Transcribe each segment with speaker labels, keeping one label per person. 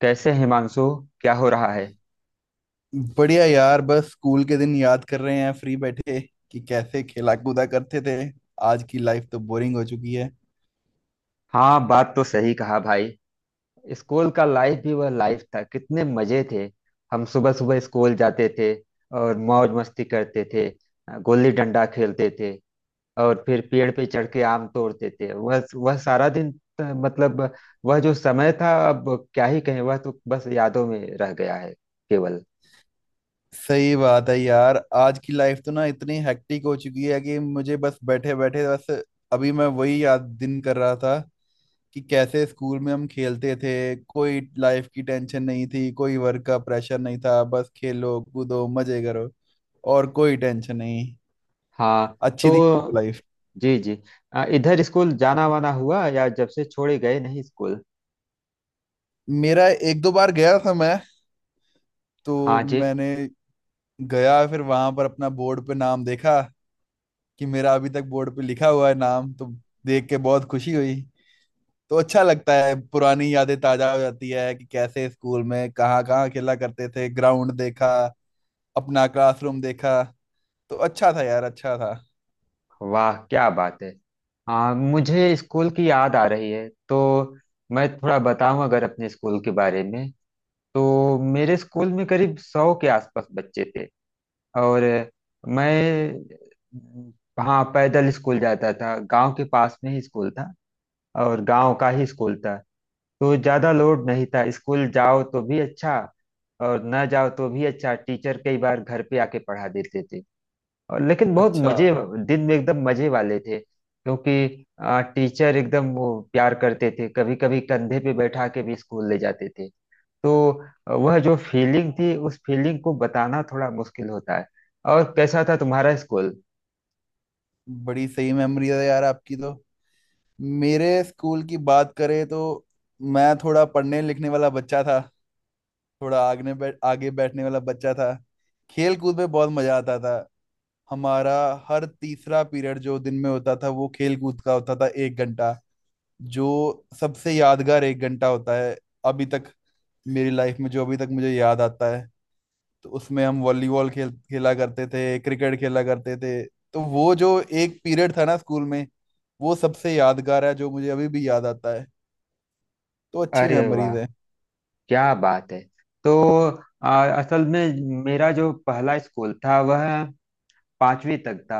Speaker 1: कैसे हिमांशु, क्या हो रहा है।
Speaker 2: बढ़िया यार। बस स्कूल के दिन याद कर रहे हैं, फ्री बैठे कि कैसे खेला कूदा करते थे। आज की लाइफ तो बोरिंग हो चुकी है।
Speaker 1: हाँ, बात तो सही कहा भाई। स्कूल का लाइफ भी वह लाइफ था, कितने मजे थे। हम सुबह सुबह स्कूल जाते थे और मौज मस्ती करते थे, गोली डंडा खेलते थे और फिर पेड़ पे चढ़ के आम तोड़ते थे। वह सारा दिन मतलब वह जो समय था अब क्या ही कहें, वह तो बस यादों में रह गया है केवल।
Speaker 2: सही बात है यार, आज की लाइफ तो ना इतनी हेक्टिक हो चुकी है कि मुझे बस बैठे बैठे बस अभी मैं वही याद दिन कर रहा था कि कैसे स्कूल में हम खेलते थे। कोई लाइफ की टेंशन नहीं थी, कोई वर्क का प्रेशर नहीं था, बस खेलो कूदो मजे करो, और कोई टेंशन नहीं।
Speaker 1: हाँ।
Speaker 2: अच्छी थी
Speaker 1: तो
Speaker 2: लाइफ।
Speaker 1: जी जी। इधर स्कूल जाना वाना हुआ या जब से छोड़े गए नहीं स्कूल।
Speaker 2: मेरा एक दो बार गया था मैं, तो
Speaker 1: हाँ जी।
Speaker 2: मैंने गया फिर वहां पर अपना बोर्ड पे नाम देखा कि मेरा अभी तक बोर्ड पे लिखा हुआ है नाम। तो देख के बहुत खुशी हुई। तो अच्छा लगता है, पुरानी यादें ताजा हो जाती है कि कैसे स्कूल में कहाँ कहाँ खेला करते थे। ग्राउंड देखा, अपना क्लासरूम देखा। तो अच्छा था यार, अच्छा था।
Speaker 1: वाह, क्या बात है। हाँ, मुझे स्कूल की याद आ रही है तो मैं थोड़ा बताऊं अगर अपने स्कूल के बारे में। तो मेरे स्कूल में करीब 100 के आसपास बच्चे थे। और मैं। हाँ, पैदल स्कूल जाता था, गांव के पास में ही स्कूल था और गांव का ही स्कूल था। तो ज़्यादा लोड नहीं था, स्कूल जाओ तो भी अच्छा और ना जाओ तो भी अच्छा। टीचर कई बार घर पे आके पढ़ा देते थे। और लेकिन बहुत
Speaker 2: अच्छा।
Speaker 1: मजे दिन में एकदम मजे वाले थे क्योंकि टीचर एकदम वो प्यार करते थे, कभी कभी कंधे पे बैठा के भी स्कूल ले जाते थे। तो वह जो फीलिंग थी, उस फीलिंग को बताना थोड़ा मुश्किल होता है। और कैसा था तुम्हारा स्कूल।
Speaker 2: बड़ी सही मेमोरी है यार आपकी। तो मेरे स्कूल की बात करें तो मैं थोड़ा पढ़ने लिखने वाला बच्चा था, थोड़ा आगने बैठ आगे बैठने वाला बच्चा था। खेल कूद में बहुत मजा आता था हमारा। हर तीसरा पीरियड जो दिन में होता था वो खेल कूद का होता था, एक घंटा। जो सबसे यादगार एक घंटा होता है अभी तक मेरी लाइफ में, जो अभी तक मुझे याद आता है। तो उसमें हम वॉलीबॉल खेल खेला करते थे, क्रिकेट खेला करते थे। तो वो जो एक पीरियड था ना स्कूल में वो सबसे यादगार है, जो मुझे अभी भी याद आता है। तो अच्छी
Speaker 1: अरे वाह,
Speaker 2: मेमोरीज है।
Speaker 1: क्या बात है। तो असल में मेरा जो पहला स्कूल था वह 5वीं तक था।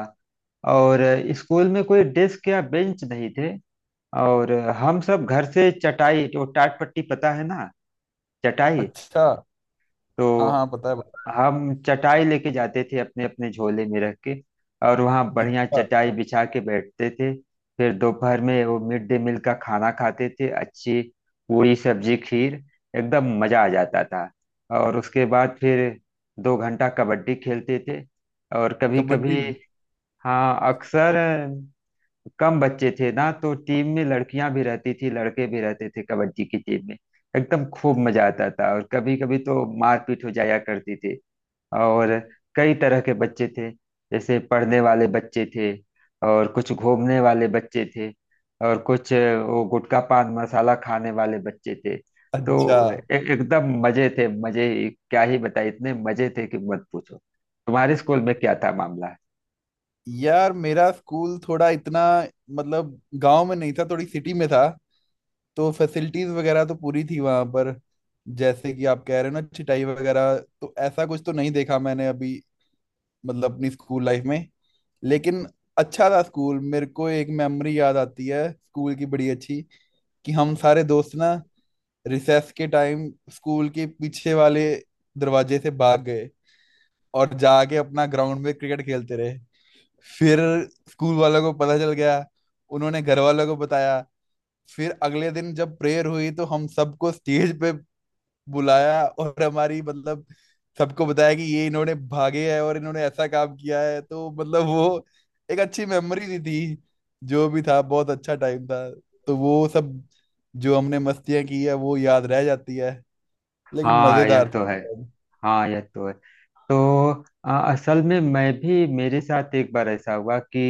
Speaker 1: और स्कूल में कोई डेस्क या बेंच नहीं थे। और हम सब घर से चटाई, जो टाट पट्टी, पता है ना, चटाई।
Speaker 2: अच्छा। हाँ
Speaker 1: तो
Speaker 2: हाँ, पता है, पता
Speaker 1: हम चटाई लेके जाते थे अपने अपने झोले में रख के और वहाँ
Speaker 2: है।
Speaker 1: बढ़िया
Speaker 2: अच्छा।
Speaker 1: चटाई बिछा के बैठते थे। फिर दोपहर में वो मिड डे मील का खाना खाते थे, अच्छी पूरी सब्जी खीर, एकदम मजा आ जाता था। और उसके बाद फिर 2 घंटा कबड्डी खेलते थे। और कभी
Speaker 2: कबड्डी।
Speaker 1: कभी, हाँ, अक्सर। कम बच्चे थे ना तो टीम में लड़कियां भी रहती थी, लड़के भी रहते थे कबड्डी की टीम में। एकदम खूब मजा आता था और कभी कभी तो मारपीट हो जाया करती थी। और कई तरह के बच्चे थे, जैसे पढ़ने वाले बच्चे थे और कुछ घूमने वाले बच्चे थे और कुछ वो गुटखा पान मसाला खाने वाले बच्चे थे।
Speaker 2: अच्छा।
Speaker 1: तो एकदम मजे थे, क्या ही बताए इतने मजे थे कि मत पूछो। तुम्हारे स्कूल में क्या था मामला।
Speaker 2: यार मेरा स्कूल थोड़ा इतना मतलब गांव में नहीं था, थोड़ी सिटी में था। तो फैसिलिटीज वगैरह तो पूरी थी वहां पर। जैसे कि आप कह रहे हो ना चिटाई वगैरह, तो ऐसा कुछ तो नहीं देखा मैंने अभी, मतलब अपनी स्कूल लाइफ में। लेकिन अच्छा था स्कूल। मेरे को एक मेमोरी याद आती है स्कूल की, बड़ी अच्छी। कि हम सारे दोस्त ना रिसेस के टाइम स्कूल के पीछे वाले दरवाजे से भाग गए, और जाके अपना ग्राउंड में क्रिकेट खेलते रहे। फिर स्कूल वालों को पता चल गया, उन्होंने घर वालों को बताया। फिर अगले दिन जब प्रेयर हुई तो हम सबको स्टेज पे बुलाया, और हमारी मतलब सबको बताया कि ये इन्होंने भागे है और इन्होंने ऐसा काम किया है। तो मतलब वो एक अच्छी मेमोरी भी थी, जो भी था बहुत अच्छा टाइम था। तो वो सब जो हमने मस्तियां की है वो याद रह जाती है, लेकिन
Speaker 1: हाँ, यह
Speaker 2: मजेदार
Speaker 1: तो है।
Speaker 2: था।
Speaker 1: हाँ, यह तो है। तो असल में मैं भी, मेरे साथ एक बार ऐसा हुआ कि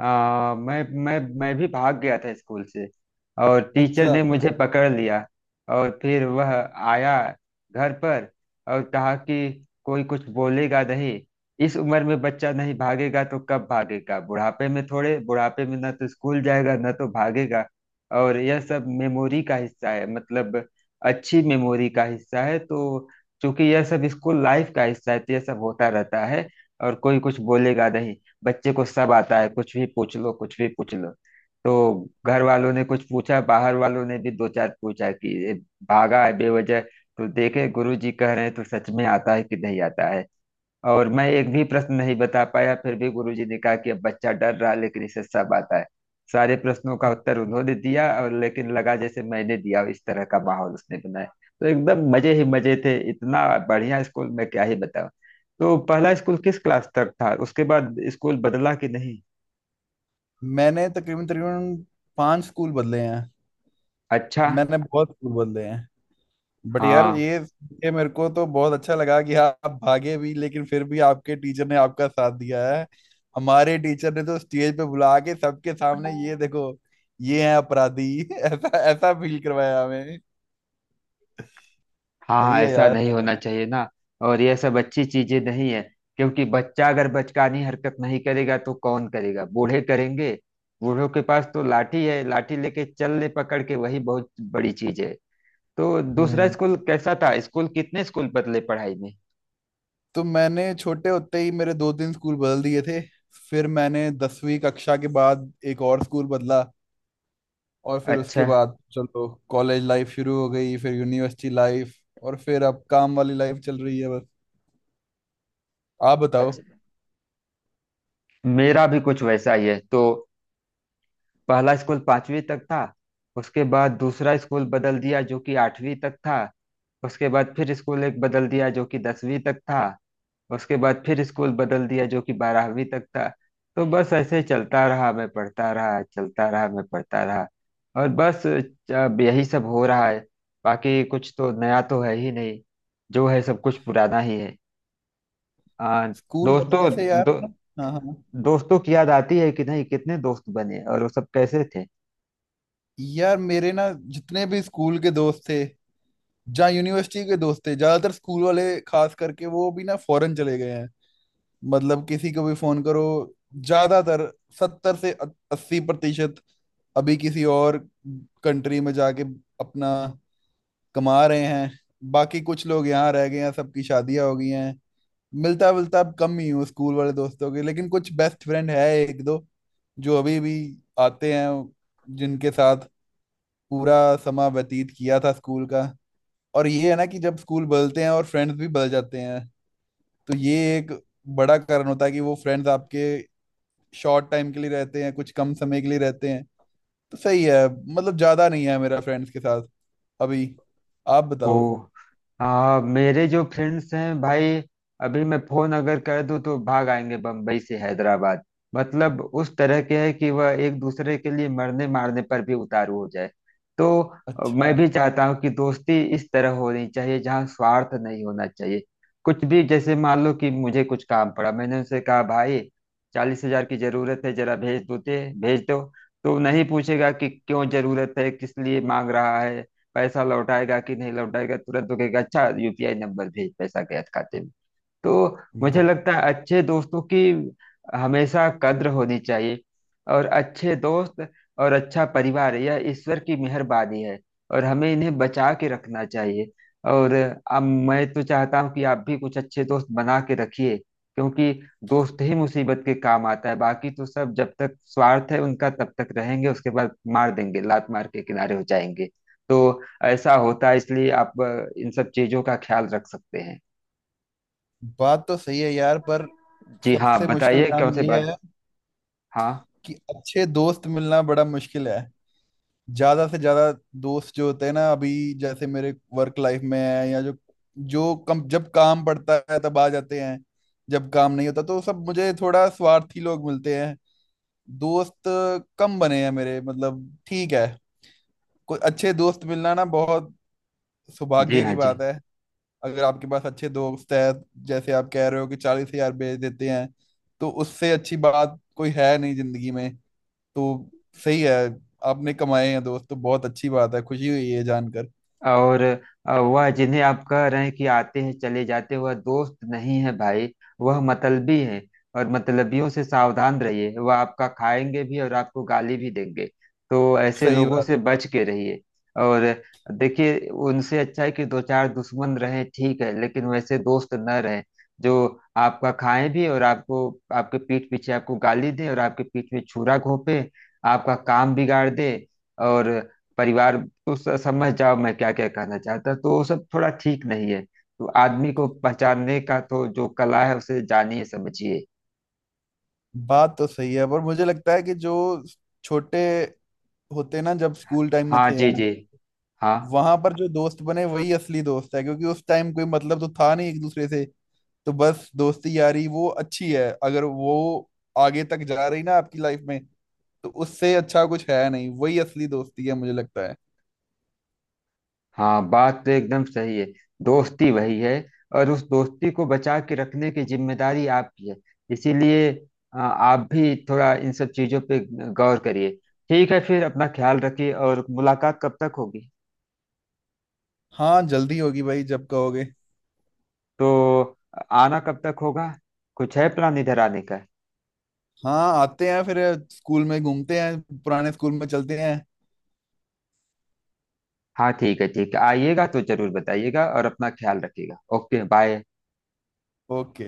Speaker 1: मैं भी भाग गया था स्कूल से और टीचर
Speaker 2: अच्छा।
Speaker 1: ने मुझे पकड़ लिया। और फिर वह आया घर पर और कहा कि कोई कुछ बोलेगा नहीं, इस उम्र में बच्चा नहीं भागेगा तो कब भागेगा, बुढ़ापे में? थोड़े बुढ़ापे में ना तो स्कूल जाएगा ना तो भागेगा। और यह सब मेमोरी का हिस्सा है, मतलब अच्छी मेमोरी का हिस्सा है। तो चूंकि यह सब स्कूल लाइफ का हिस्सा है तो यह सब होता रहता है और कोई कुछ बोलेगा नहीं। बच्चे को सब आता है, कुछ भी पूछ लो, कुछ भी पूछ लो। तो घर वालों ने कुछ पूछा, बाहर वालों ने भी दो चार पूछा कि ये भागा है बेवजह, तो देखे गुरु जी कह रहे हैं तो सच में आता है कि नहीं आता है। और मैं एक भी प्रश्न नहीं बता पाया, फिर भी गुरुजी ने कहा कि अब बच्चा डर रहा लेकिन इसे सब आता है। सारे प्रश्नों का उत्तर उन्होंने दिया और लेकिन लगा जैसे मैंने दिया, इस तरह का माहौल उसने बनाया। तो एकदम मजे ही मजे थे, इतना बढ़िया स्कूल, मैं क्या ही बताऊं। तो पहला स्कूल किस क्लास तक था, उसके बाद स्कूल बदला कि नहीं?
Speaker 2: मैंने तकरीबन तकरीबन पांच स्कूल बदले हैं।
Speaker 1: अच्छा।
Speaker 2: मैंने बहुत स्कूल बदले हैं। बट यार
Speaker 1: हाँ
Speaker 2: ये मेरे को तो बहुत अच्छा लगा कि आप भागे भी लेकिन फिर भी आपके टीचर ने आपका साथ दिया है। हमारे टीचर ने तो स्टेज पे बुला के सबके सामने, ये देखो ये है अपराधी, ऐसा ऐसा फील करवाया हमें। सही
Speaker 1: हाँ,
Speaker 2: है
Speaker 1: ऐसा
Speaker 2: यार।
Speaker 1: नहीं होना चाहिए ना। और यह सब अच्छी चीजें नहीं है, क्योंकि बच्चा अगर बचकानी हरकत नहीं करेगा तो कौन करेगा, बूढ़े करेंगे? बूढ़ों के पास तो लाठी है, लाठी लेके चल ले पकड़ के, वही बहुत बड़ी चीज है। तो दूसरा
Speaker 2: हम्म
Speaker 1: स्कूल कैसा था, स्कूल कितने स्कूल बदले पढ़ाई में?
Speaker 2: तो मैंने छोटे होते ही मेरे दो तीन स्कूल बदल दिए थे। फिर मैंने 10वीं कक्षा के बाद एक और स्कूल बदला। और फिर उसके
Speaker 1: अच्छा
Speaker 2: बाद चलो कॉलेज लाइफ शुरू हो गई, फिर यूनिवर्सिटी लाइफ। और फिर अब काम वाली लाइफ चल रही है बस। आप बताओ।
Speaker 1: अच्छा, मेरा भी कुछ वैसा ही है। तो पहला स्कूल 5वीं तक था। उसके बाद दूसरा स्कूल बदल दिया जो कि 8वीं तक था। उसके बाद फिर स्कूल एक बदल दिया जो कि 10वीं तक था। उसके बाद फिर स्कूल बदल दिया जो कि 12वीं तक था। तो बस ऐसे चलता रहा, मैं पढ़ता रहा, चलता रहा, मैं पढ़ता रहा। और बस अब यही सब हो रहा है, बाकी कुछ तो नया तो है ही नहीं, जो है सब कुछ पुराना ही है। आ,
Speaker 2: स्कूल
Speaker 1: दोस्तों
Speaker 2: बदलने से यार
Speaker 1: दो,
Speaker 2: ना। हाँ हाँ।
Speaker 1: दोस्तों की याद आती है कि नहीं, कितने दोस्त बने और वो सब कैसे थे?
Speaker 2: यार मेरे ना, जितने भी स्कूल के दोस्त थे, जहाँ यूनिवर्सिटी के दोस्त थे ज्यादातर, स्कूल वाले खास करके वो भी ना फॉरेन चले गए हैं। मतलब किसी को भी फोन करो, ज्यादातर 70 से 80% अभी किसी और कंट्री में जाके अपना कमा रहे हैं। बाकी कुछ लोग यहाँ रह गए हैं, सबकी शादियां हो गई हैं। मिलता मिलता अब कम ही हूँ स्कूल वाले दोस्तों के, लेकिन कुछ बेस्ट फ्रेंड है एक दो जो अभी भी आते हैं, जिनके साथ पूरा समय व्यतीत किया था स्कूल का। और ये है ना कि जब स्कूल बदलते हैं और फ्रेंड्स भी बदल जाते हैं, तो ये एक बड़ा कारण होता है कि वो फ्रेंड्स आपके शॉर्ट टाइम के लिए रहते हैं, कुछ कम समय के लिए रहते हैं। तो सही है। मतलब ज्यादा नहीं है मेरा फ्रेंड्स के साथ अभी। आप
Speaker 1: ओ
Speaker 2: बताओ।
Speaker 1: हाँ, मेरे जो फ्रेंड्स हैं भाई, अभी मैं फोन अगर कर दूं तो भाग आएंगे बम्बई से हैदराबाद। मतलब उस तरह के है कि वह एक दूसरे के लिए मरने मारने पर भी उतारू हो जाए। तो मैं
Speaker 2: अच्छा।
Speaker 1: भी चाहता हूँ कि दोस्ती इस तरह होनी चाहिए जहाँ स्वार्थ नहीं होना चाहिए। कुछ भी, जैसे मान लो कि मुझे कुछ काम पड़ा, मैंने उनसे कहा भाई, 40,000 की जरूरत है जरा भेज दो ते भेज दो। तो नहीं पूछेगा कि क्यों जरूरत है, किस लिए मांग रहा है, पैसा लौटाएगा कि नहीं लौटाएगा। तुरंत तो कहेगा, अच्छा यूपीआई नंबर भेज, पैसा गया खाते में। तो मुझे
Speaker 2: वाह।
Speaker 1: लगता है अच्छे दोस्तों की हमेशा कद्र होनी चाहिए। और अच्छे दोस्त और अच्छा परिवार यह ईश्वर की मेहरबानी है और हमें इन्हें बचा के रखना चाहिए। और अब मैं तो चाहता हूँ कि आप भी कुछ अच्छे दोस्त बना के रखिए, क्योंकि दोस्त ही मुसीबत के काम आता है, बाकी तो सब जब तक स्वार्थ है उनका तब तक रहेंगे, उसके बाद मार देंगे, लात मार के किनारे हो जाएंगे। तो ऐसा होता है, इसलिए आप इन सब चीजों का ख्याल रख सकते हैं।
Speaker 2: बात तो सही है यार, पर
Speaker 1: जी हाँ,
Speaker 2: सबसे मुश्किल
Speaker 1: बताइए
Speaker 2: काम
Speaker 1: कौन सी
Speaker 2: ये
Speaker 1: बात।
Speaker 2: है
Speaker 1: हाँ
Speaker 2: कि अच्छे दोस्त मिलना बड़ा मुश्किल है। ज्यादा से ज्यादा दोस्त जो होते हैं ना अभी, जैसे मेरे वर्क लाइफ में है, या जो जो कम जब काम पड़ता है तब आ जाते हैं, जब काम नहीं होता तो सब मुझे थोड़ा स्वार्थी लोग मिलते हैं। दोस्त कम बने हैं मेरे, मतलब ठीक है। कोई अच्छे दोस्त मिलना ना बहुत
Speaker 1: जी।
Speaker 2: सौभाग्य की
Speaker 1: हाँ जी।
Speaker 2: बात है। अगर आपके पास अच्छे दोस्त है जैसे आप कह रहे हो कि 40,000 भेज देते हैं, तो उससे अच्छी बात कोई है नहीं जिंदगी में। तो सही है। आपने कमाए हैं दोस्त, तो बहुत अच्छी बात है, खुशी हुई है जानकर।
Speaker 1: और वह जिन्हें आप कह रहे हैं कि आते हैं चले जाते हैं, वह दोस्त नहीं है भाई, वह मतलबी है। और मतलबियों से सावधान रहिए, वह आपका खाएंगे भी और आपको गाली भी देंगे। तो ऐसे
Speaker 2: सही
Speaker 1: लोगों
Speaker 2: बात।
Speaker 1: से बच के रहिए। और देखिए, उनसे अच्छा है कि दो चार दुश्मन रहें, ठीक है, लेकिन वैसे दोस्त न रहें जो आपका खाएं भी और आपको, आपके पीठ पीछे आपको गाली दे और आपके पीठ में छुरा घोंपे, आपका काम बिगाड़ दे और परिवार। तो समझ जाओ मैं क्या क्या कहना चाहता हूं। तो वो सब थोड़ा ठीक नहीं है। तो आदमी को पहचानने का तो जो कला है उसे जानिए समझिए।
Speaker 2: बात तो सही है पर मुझे लगता है कि जो छोटे होते ना जब स्कूल टाइम में
Speaker 1: हाँ
Speaker 2: थे
Speaker 1: जी
Speaker 2: हम,
Speaker 1: जी। हाँ
Speaker 2: वहां पर जो दोस्त बने वही असली दोस्त है, क्योंकि उस टाइम कोई मतलब तो था नहीं एक दूसरे से। तो बस दोस्ती यारी वो अच्छी है, अगर वो आगे तक जा रही ना आपकी लाइफ में, तो उससे अच्छा कुछ है नहीं, वही असली दोस्ती है मुझे लगता है।
Speaker 1: हाँ, बात तो एकदम सही है। दोस्ती वही है और उस दोस्ती को बचा के रखने की जिम्मेदारी आपकी है। इसीलिए आप भी थोड़ा इन सब चीजों पे गौर करिए। ठीक है, फिर अपना ख्याल रखिए। और मुलाकात कब तक होगी,
Speaker 2: हाँ जल्दी होगी भाई, जब कहोगे।
Speaker 1: तो आना कब तक होगा, कुछ है प्लान इधर आने का?
Speaker 2: हाँ, आते हैं फिर। स्कूल में घूमते हैं, पुराने स्कूल में चलते हैं।
Speaker 1: हाँ ठीक है ठीक है, आइएगा तो जरूर बताइएगा और अपना ख्याल रखिएगा। Okay bye.
Speaker 2: ओके।